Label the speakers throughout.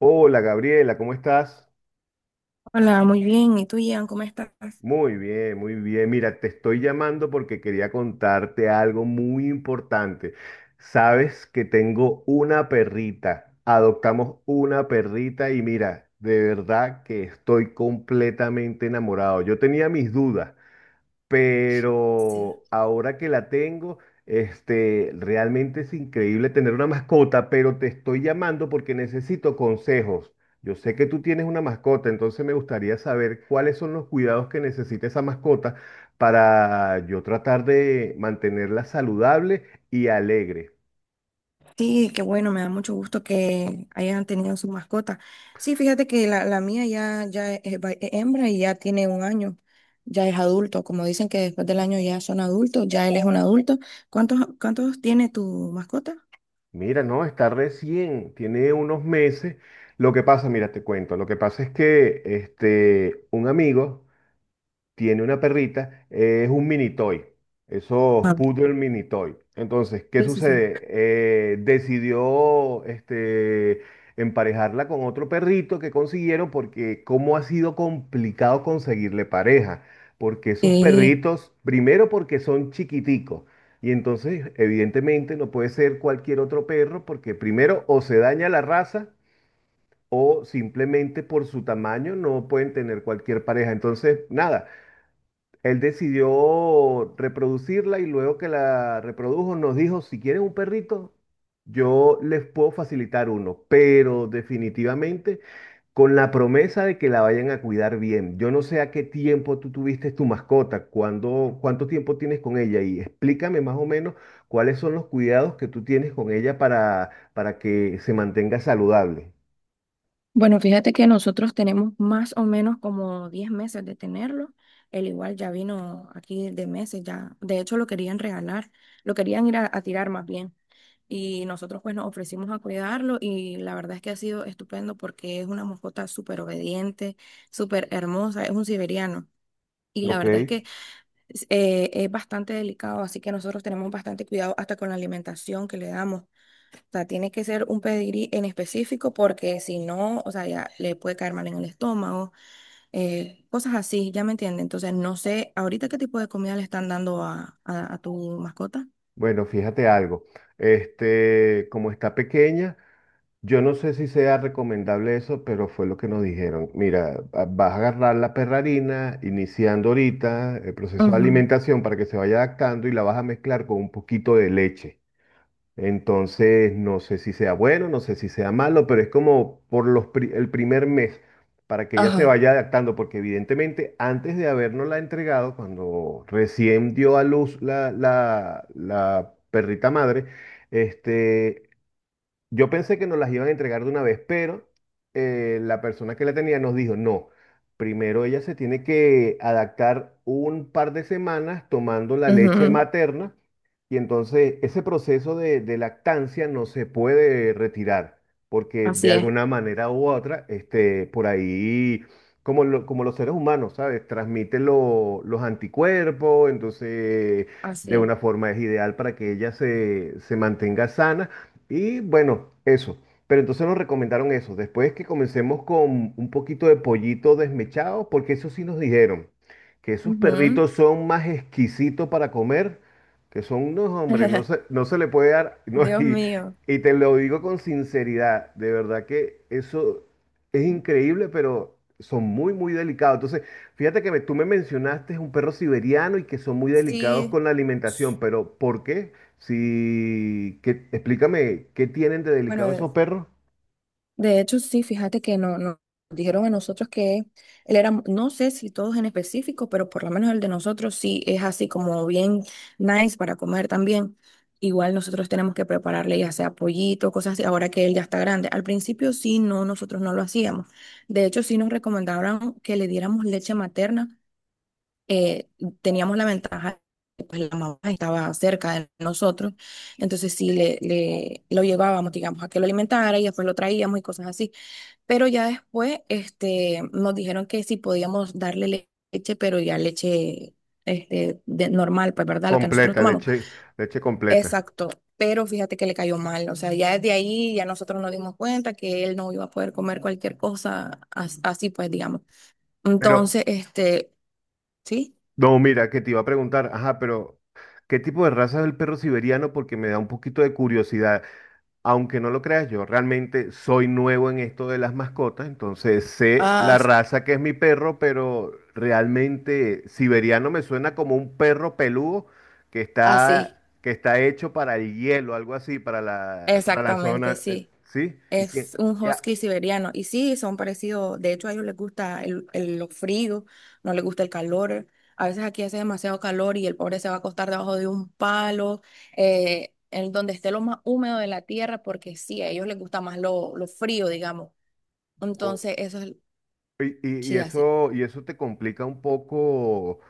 Speaker 1: Hola Gabriela, ¿cómo estás?
Speaker 2: Hola, muy bien. ¿Y tú, Ian, cómo estás?
Speaker 1: Muy bien, muy bien. Mira, te estoy llamando porque quería contarte algo muy importante. Sabes que tengo una perrita. Adoptamos una perrita y mira, de verdad que estoy completamente enamorado. Yo tenía mis dudas
Speaker 2: Sí.
Speaker 1: pero ahora que la tengo, realmente es increíble tener una mascota, pero te estoy llamando porque necesito consejos. Yo sé que tú tienes una mascota, entonces me gustaría saber cuáles son los cuidados que necesita esa mascota para yo tratar de mantenerla saludable y alegre.
Speaker 2: Sí, qué bueno, me da mucho gusto que hayan tenido su mascota. Sí, fíjate que la mía ya es hembra y ya tiene un año, ya es adulto. Como dicen que después del año ya son adultos, ya él es un adulto. ¿Cuántos tiene tu mascota?
Speaker 1: Mira, no, está recién, tiene unos meses. Lo que pasa, mira, te cuento, lo que pasa es que un amigo tiene una perrita, es un mini toy, esos
Speaker 2: Ah.
Speaker 1: poodle mini toy. Entonces, ¿qué
Speaker 2: Sí, sí, sí.
Speaker 1: sucede? Decidió emparejarla con otro perrito que consiguieron porque cómo ha sido complicado conseguirle pareja, porque esos
Speaker 2: Sí.
Speaker 1: perritos, primero porque son chiquiticos. Y entonces, evidentemente, no puede ser cualquier otro perro porque primero o se daña la raza o simplemente por su tamaño no pueden tener cualquier pareja. Entonces, nada, él decidió reproducirla y luego que la reprodujo nos dijo, si quieren un perrito, yo les puedo facilitar uno, pero definitivamente con la promesa de que la vayan a cuidar bien. Yo no sé a qué tiempo tú tuviste tu mascota, cuándo, cuánto tiempo tienes con ella y explícame más o menos cuáles son los cuidados que tú tienes con ella para que se mantenga saludable.
Speaker 2: Bueno, fíjate que nosotros tenemos más o menos como 10 meses de tenerlo. Él igual ya vino aquí de meses, ya. De hecho, lo querían regalar, lo querían ir a tirar más bien. Y nosotros pues nos ofrecimos a cuidarlo y la verdad es que ha sido estupendo porque es una mascota súper obediente, súper hermosa, es un siberiano. Y la
Speaker 1: Ok,
Speaker 2: verdad es que es bastante delicado, así que nosotros tenemos bastante cuidado hasta con la alimentación que le damos. O sea, tiene que ser un pedigrí en específico porque si no, o sea, ya le puede caer mal en el estómago, cosas así, ya me entiende. Entonces, no sé, ahorita qué tipo de comida le están dando a tu mascota.
Speaker 1: bueno, fíjate algo. Como está pequeña. Yo no sé si sea recomendable eso, pero fue lo que nos dijeron. Mira, vas a agarrar la perrarina, iniciando ahorita el proceso de
Speaker 2: Ujú,
Speaker 1: alimentación para que se vaya adaptando y la vas a mezclar con un poquito de leche. Entonces, no sé si sea bueno, no sé si sea malo, pero es como por los el primer mes, para que ella se
Speaker 2: ajá.
Speaker 1: vaya adaptando, porque evidentemente antes de habernosla entregado, cuando recién dio a luz la perrita madre, este, yo pensé que nos las iban a entregar de una vez, pero la persona que la tenía nos dijo, no, primero ella se tiene que adaptar un par de semanas tomando la leche
Speaker 2: Ujú,
Speaker 1: materna y entonces ese proceso de lactancia no se puede retirar porque de
Speaker 2: así es.
Speaker 1: alguna manera u otra, por ahí, como, como los seres humanos, ¿sabes? Transmite los anticuerpos, entonces de
Speaker 2: Así es.
Speaker 1: una forma es ideal para que ella se mantenga sana. Y bueno, eso. Pero entonces nos recomendaron eso. Después que comencemos con un poquito de pollito desmechado, porque eso sí nos dijeron que esos
Speaker 2: Ujú.
Speaker 1: perritos son más exquisitos para comer, que son unos hombres, no se, no se le puede dar. No,
Speaker 2: Dios mío.
Speaker 1: y te lo digo con sinceridad, de verdad que eso es increíble, pero son muy, muy delicados. Entonces, fíjate que tú me mencionaste un perro siberiano y que son muy delicados
Speaker 2: Sí.
Speaker 1: con la alimentación,
Speaker 2: s-
Speaker 1: pero ¿por qué? Sí, qué explícame, ¿qué tienen de
Speaker 2: Bueno,
Speaker 1: delicado esos
Speaker 2: de,
Speaker 1: perros?
Speaker 2: de hecho, sí, fíjate que nos dijeron a nosotros que él era, no sé si todos en específico, pero por lo menos el de nosotros sí es así como bien nice para comer también. Igual nosotros tenemos que prepararle ya sea pollito, cosas así, ahora que él ya está grande. Al principio sí, no, nosotros no lo hacíamos. De hecho, sí nos recomendaron que le diéramos leche materna, eh, teníamos la ventaja que pues, la mamá estaba cerca de nosotros, entonces sí lo llevábamos, digamos, a que lo alimentara y después lo traíamos y cosas así. Pero ya después nos dijeron que sí podíamos darle leche, pero ya leche normal, pues, ¿verdad? La que nosotros
Speaker 1: Completa,
Speaker 2: tomamos.
Speaker 1: leche, leche completa.
Speaker 2: Exacto. Pero fíjate que le cayó mal, o sea, ya desde ahí ya nosotros nos dimos cuenta que él no iba a poder comer cualquier cosa así, pues, digamos.
Speaker 1: Pero,
Speaker 2: Entonces, sí,
Speaker 1: no, mira, que te iba a preguntar, ajá, pero ¿qué tipo de raza es el perro siberiano? Porque me da un poquito de curiosidad. Aunque no lo creas, yo realmente soy nuevo en esto de las mascotas, entonces sé
Speaker 2: ah,
Speaker 1: la raza que es mi perro, pero realmente siberiano me suena como un perro peludo
Speaker 2: así.
Speaker 1: que está hecho para el hielo, algo así, para la
Speaker 2: Exactamente,
Speaker 1: zona,
Speaker 2: sí.
Speaker 1: ¿sí? Y que,
Speaker 2: Es un
Speaker 1: ya,
Speaker 2: husky siberiano. Y sí, son parecidos. De hecho, a ellos les gusta lo frío, no les gusta el calor. A veces aquí hace demasiado calor y el pobre se va a acostar debajo de un palo, en donde esté lo más húmedo de la tierra, porque sí, a ellos les gusta más lo frío, digamos.
Speaker 1: o-
Speaker 2: Entonces, sí hace.
Speaker 1: y eso te complica un poco,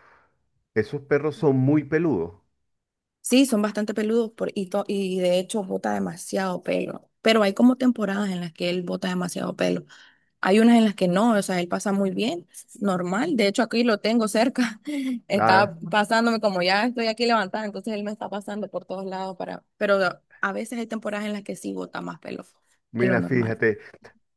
Speaker 1: esos perros son muy peludos.
Speaker 2: Sí, son bastante peludos y de hecho bota demasiado pelo. Pero hay como temporadas en las que él bota demasiado pelo. Hay unas en las que no, o sea, él pasa muy bien, normal. De hecho, aquí lo tengo cerca.
Speaker 1: Ah,
Speaker 2: Está pasándome como ya estoy aquí levantada, entonces él me está pasando por todos lados para... Pero a veces hay temporadas en las que sí bota más pelo que lo
Speaker 1: mira,
Speaker 2: normal.
Speaker 1: fíjate.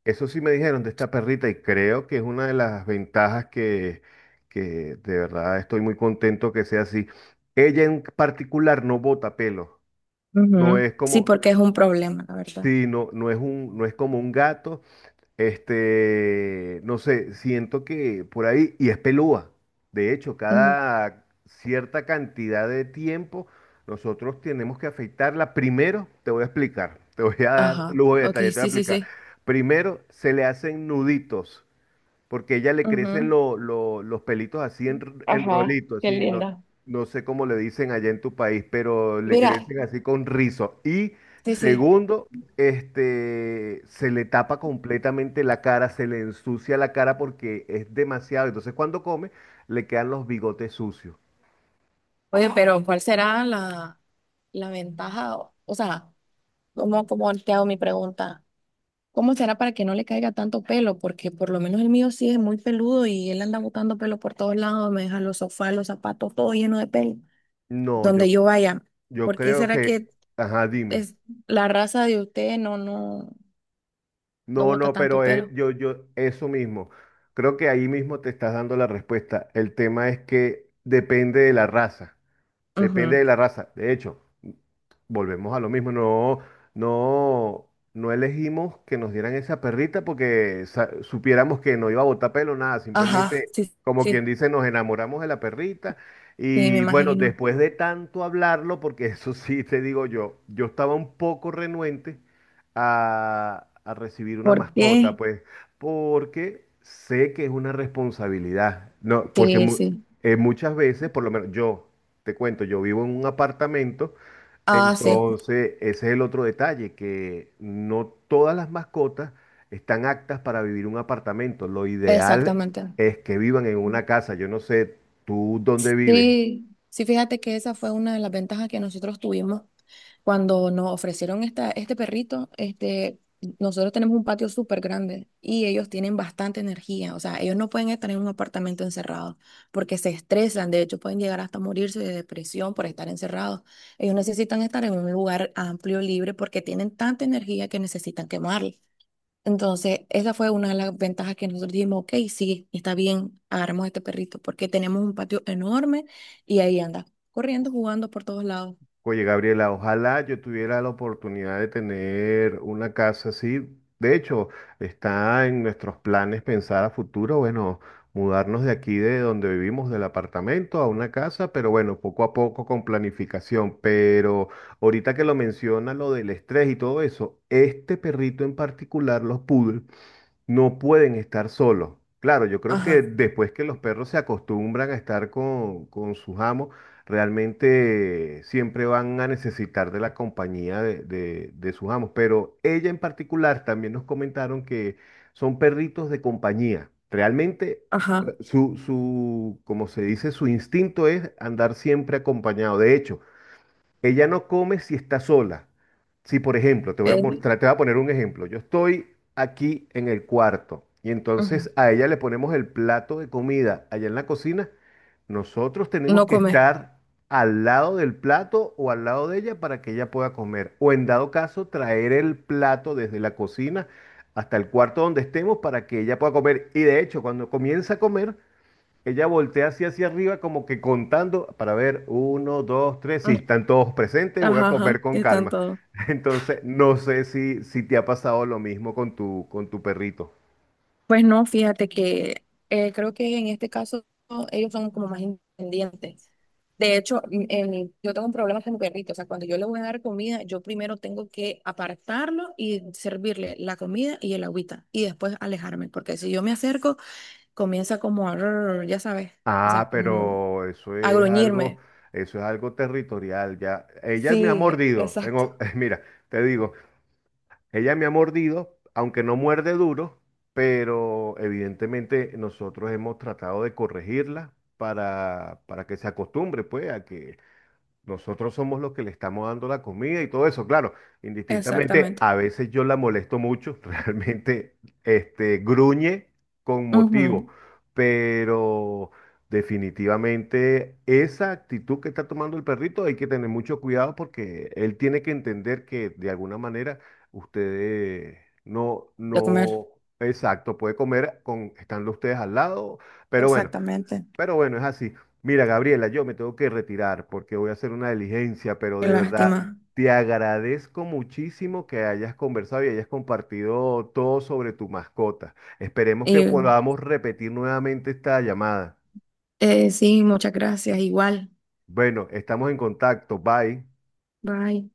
Speaker 1: Eso sí me dijeron de esta perrita y creo que es una de las ventajas que de verdad estoy muy contento que sea así. Ella en particular no bota pelo, no
Speaker 2: Ujú.
Speaker 1: es
Speaker 2: Sí,
Speaker 1: como,
Speaker 2: porque es un problema, la verdad.
Speaker 1: sí, no, no es un, no es como un gato no sé, siento que por ahí, y es pelúa. De hecho,
Speaker 2: Ujú.
Speaker 1: cada cierta cantidad de tiempo nosotros tenemos que afeitarla. Primero, te voy a explicar, te voy a dar
Speaker 2: Ajá.
Speaker 1: lujo de
Speaker 2: Ok,
Speaker 1: detalle, te voy a
Speaker 2: sí, sí,
Speaker 1: explicar.
Speaker 2: sí.
Speaker 1: Primero, se le hacen nuditos porque ella le crecen
Speaker 2: Ujú.
Speaker 1: los pelitos así en
Speaker 2: Ajá,
Speaker 1: rolito,
Speaker 2: qué
Speaker 1: así, no,
Speaker 2: linda.
Speaker 1: no sé cómo le dicen allá en tu país, pero le
Speaker 2: Mira,
Speaker 1: crecen así con rizo. Y
Speaker 2: sí, sí.
Speaker 1: segundo, se le tapa completamente la cara, se le ensucia la cara porque es demasiado. Entonces cuando come, le quedan los bigotes sucios.
Speaker 2: Oye, pero ¿cuál será la ventaja? O sea, ¿cómo te hago mi pregunta? ¿Cómo será para que no le caiga tanto pelo? Porque por lo menos el mío sí es muy peludo y él anda botando pelo por todos lados, me deja los sofás, los zapatos, todo lleno de pelo,
Speaker 1: No,
Speaker 2: donde
Speaker 1: yo,
Speaker 2: yo vaya.
Speaker 1: yo
Speaker 2: ¿Por qué
Speaker 1: creo
Speaker 2: será
Speaker 1: que,
Speaker 2: que
Speaker 1: ajá, dime.
Speaker 2: es la raza de usted no
Speaker 1: No,
Speaker 2: bota
Speaker 1: no,
Speaker 2: tanto
Speaker 1: pero
Speaker 2: pelo?
Speaker 1: yo, yo, eso mismo. Creo que ahí mismo te estás dando la respuesta. El tema es que depende de la raza. Depende
Speaker 2: Ujú.
Speaker 1: de la raza. De hecho, volvemos a lo mismo, no, no, no elegimos que nos dieran esa perrita porque supiéramos que no iba a botar pelo, nada,
Speaker 2: Ajá,
Speaker 1: simplemente,
Speaker 2: sí,
Speaker 1: como quien
Speaker 2: sí,
Speaker 1: dice, nos enamoramos de la perrita.
Speaker 2: sí, me
Speaker 1: Y bueno,
Speaker 2: imagino.
Speaker 1: después de tanto hablarlo, porque eso sí te digo yo, yo estaba un poco renuente a recibir una
Speaker 2: ¿Por
Speaker 1: mascota,
Speaker 2: qué?
Speaker 1: pues, porque sé que es una responsabilidad, no, porque
Speaker 2: Sí, sí.
Speaker 1: muchas veces, por lo menos yo, te cuento, yo vivo en un apartamento.
Speaker 2: Ah, sí,
Speaker 1: Entonces, ese es el otro detalle, que no todas las mascotas están aptas para vivir en un apartamento. Lo ideal
Speaker 2: exactamente.
Speaker 1: es que vivan en una casa. Yo no sé, ¿tú dónde vives?
Speaker 2: Sí, sí, fíjate que esa fue una de las ventajas que nosotros tuvimos cuando nos ofrecieron este perrito. Nosotros tenemos un patio súper grande y ellos tienen bastante energía. O sea, ellos no pueden estar en un apartamento encerrado porque se estresan. De hecho, pueden llegar hasta morirse de depresión por estar encerrados. Ellos necesitan estar en un lugar amplio, libre, porque tienen tanta energía que necesitan quemarla. Entonces, esa fue una de las ventajas que nosotros dijimos, ok, sí, está bien, agarramos este perrito, porque tenemos un patio enorme y ahí anda, corriendo, jugando por todos lados.
Speaker 1: Oye, Gabriela, ojalá yo tuviera la oportunidad de tener una casa así. De hecho, está en nuestros planes pensar a futuro, bueno, mudarnos de aquí, de donde vivimos, del apartamento a una casa, pero bueno, poco a poco con planificación. Pero ahorita que lo menciona, lo del estrés y todo eso, este perrito en particular, los poodles, no pueden estar solos. Claro, yo creo
Speaker 2: Ajá,
Speaker 1: que después que los perros se acostumbran a estar con sus amos, realmente siempre van a necesitar de la compañía de, de sus amos. Pero ella en particular también nos comentaron que son perritos de compañía. Realmente
Speaker 2: ajá.
Speaker 1: su, su, como se dice, su instinto es andar siempre acompañado. De hecho, ella no come si está sola. Si, por ejemplo, te voy a
Speaker 2: eh,
Speaker 1: mostrar, te voy a poner un ejemplo. Yo estoy aquí en el cuarto y
Speaker 2: ujú.
Speaker 1: entonces a ella le ponemos el plato de comida allá en la cocina. Nosotros tenemos
Speaker 2: No
Speaker 1: que
Speaker 2: come.
Speaker 1: estar al lado del plato o al lado de ella para que ella pueda comer. O en dado caso, traer el plato desde la cocina hasta el cuarto donde estemos para que ella pueda comer. Y de hecho, cuando comienza a comer, ella voltea así hacia arriba, como que contando para ver, uno, dos, tres, si
Speaker 2: Mm,
Speaker 1: están todos presentes, voy a
Speaker 2: ajá,
Speaker 1: comer
Speaker 2: ajá.
Speaker 1: con
Speaker 2: Están
Speaker 1: calma.
Speaker 2: todos.
Speaker 1: Entonces, no sé si, si te ha pasado lo mismo con tu perrito.
Speaker 2: Pues no, fíjate que creo que en este caso ellos son como más independientes. De hecho, yo tengo un problema con mi perrito. O sea, cuando yo le voy a dar comida, yo primero tengo que apartarlo y servirle la comida y el agüita y después alejarme, porque si yo me acerco, comienza como a, rrr, ya sabes, o sea,
Speaker 1: Ah,
Speaker 2: como
Speaker 1: pero
Speaker 2: a gruñirme.
Speaker 1: eso es algo territorial ya. Ella me ha
Speaker 2: Sí,
Speaker 1: mordido. En
Speaker 2: exacto.
Speaker 1: mira, te digo, ella me ha mordido, aunque no muerde duro, pero evidentemente nosotros hemos tratado de corregirla para que se acostumbre, pues, a que, nosotros somos los que le estamos dando la comida y todo eso. Claro, indistintamente,
Speaker 2: Exactamente.
Speaker 1: a veces yo la molesto mucho, realmente, gruñe con motivo,
Speaker 2: Ujú,
Speaker 1: pero definitivamente esa actitud que está tomando el perrito hay que tener mucho cuidado porque él tiene que entender que de alguna manera ustedes no,
Speaker 2: de comer.
Speaker 1: no, exacto, puede comer con, estando ustedes al lado, pero bueno.
Speaker 2: Exactamente.
Speaker 1: Pero bueno, es así. Mira, Gabriela, yo me tengo que retirar porque voy a hacer una diligencia, pero
Speaker 2: Qué
Speaker 1: de verdad
Speaker 2: lástima.
Speaker 1: te agradezco muchísimo que hayas conversado y hayas compartido todo sobre tu mascota. Esperemos que
Speaker 2: Y
Speaker 1: podamos repetir nuevamente esta llamada.
Speaker 2: sí, muchas gracias. Igual.
Speaker 1: Bueno, estamos en contacto. Bye.
Speaker 2: Bye.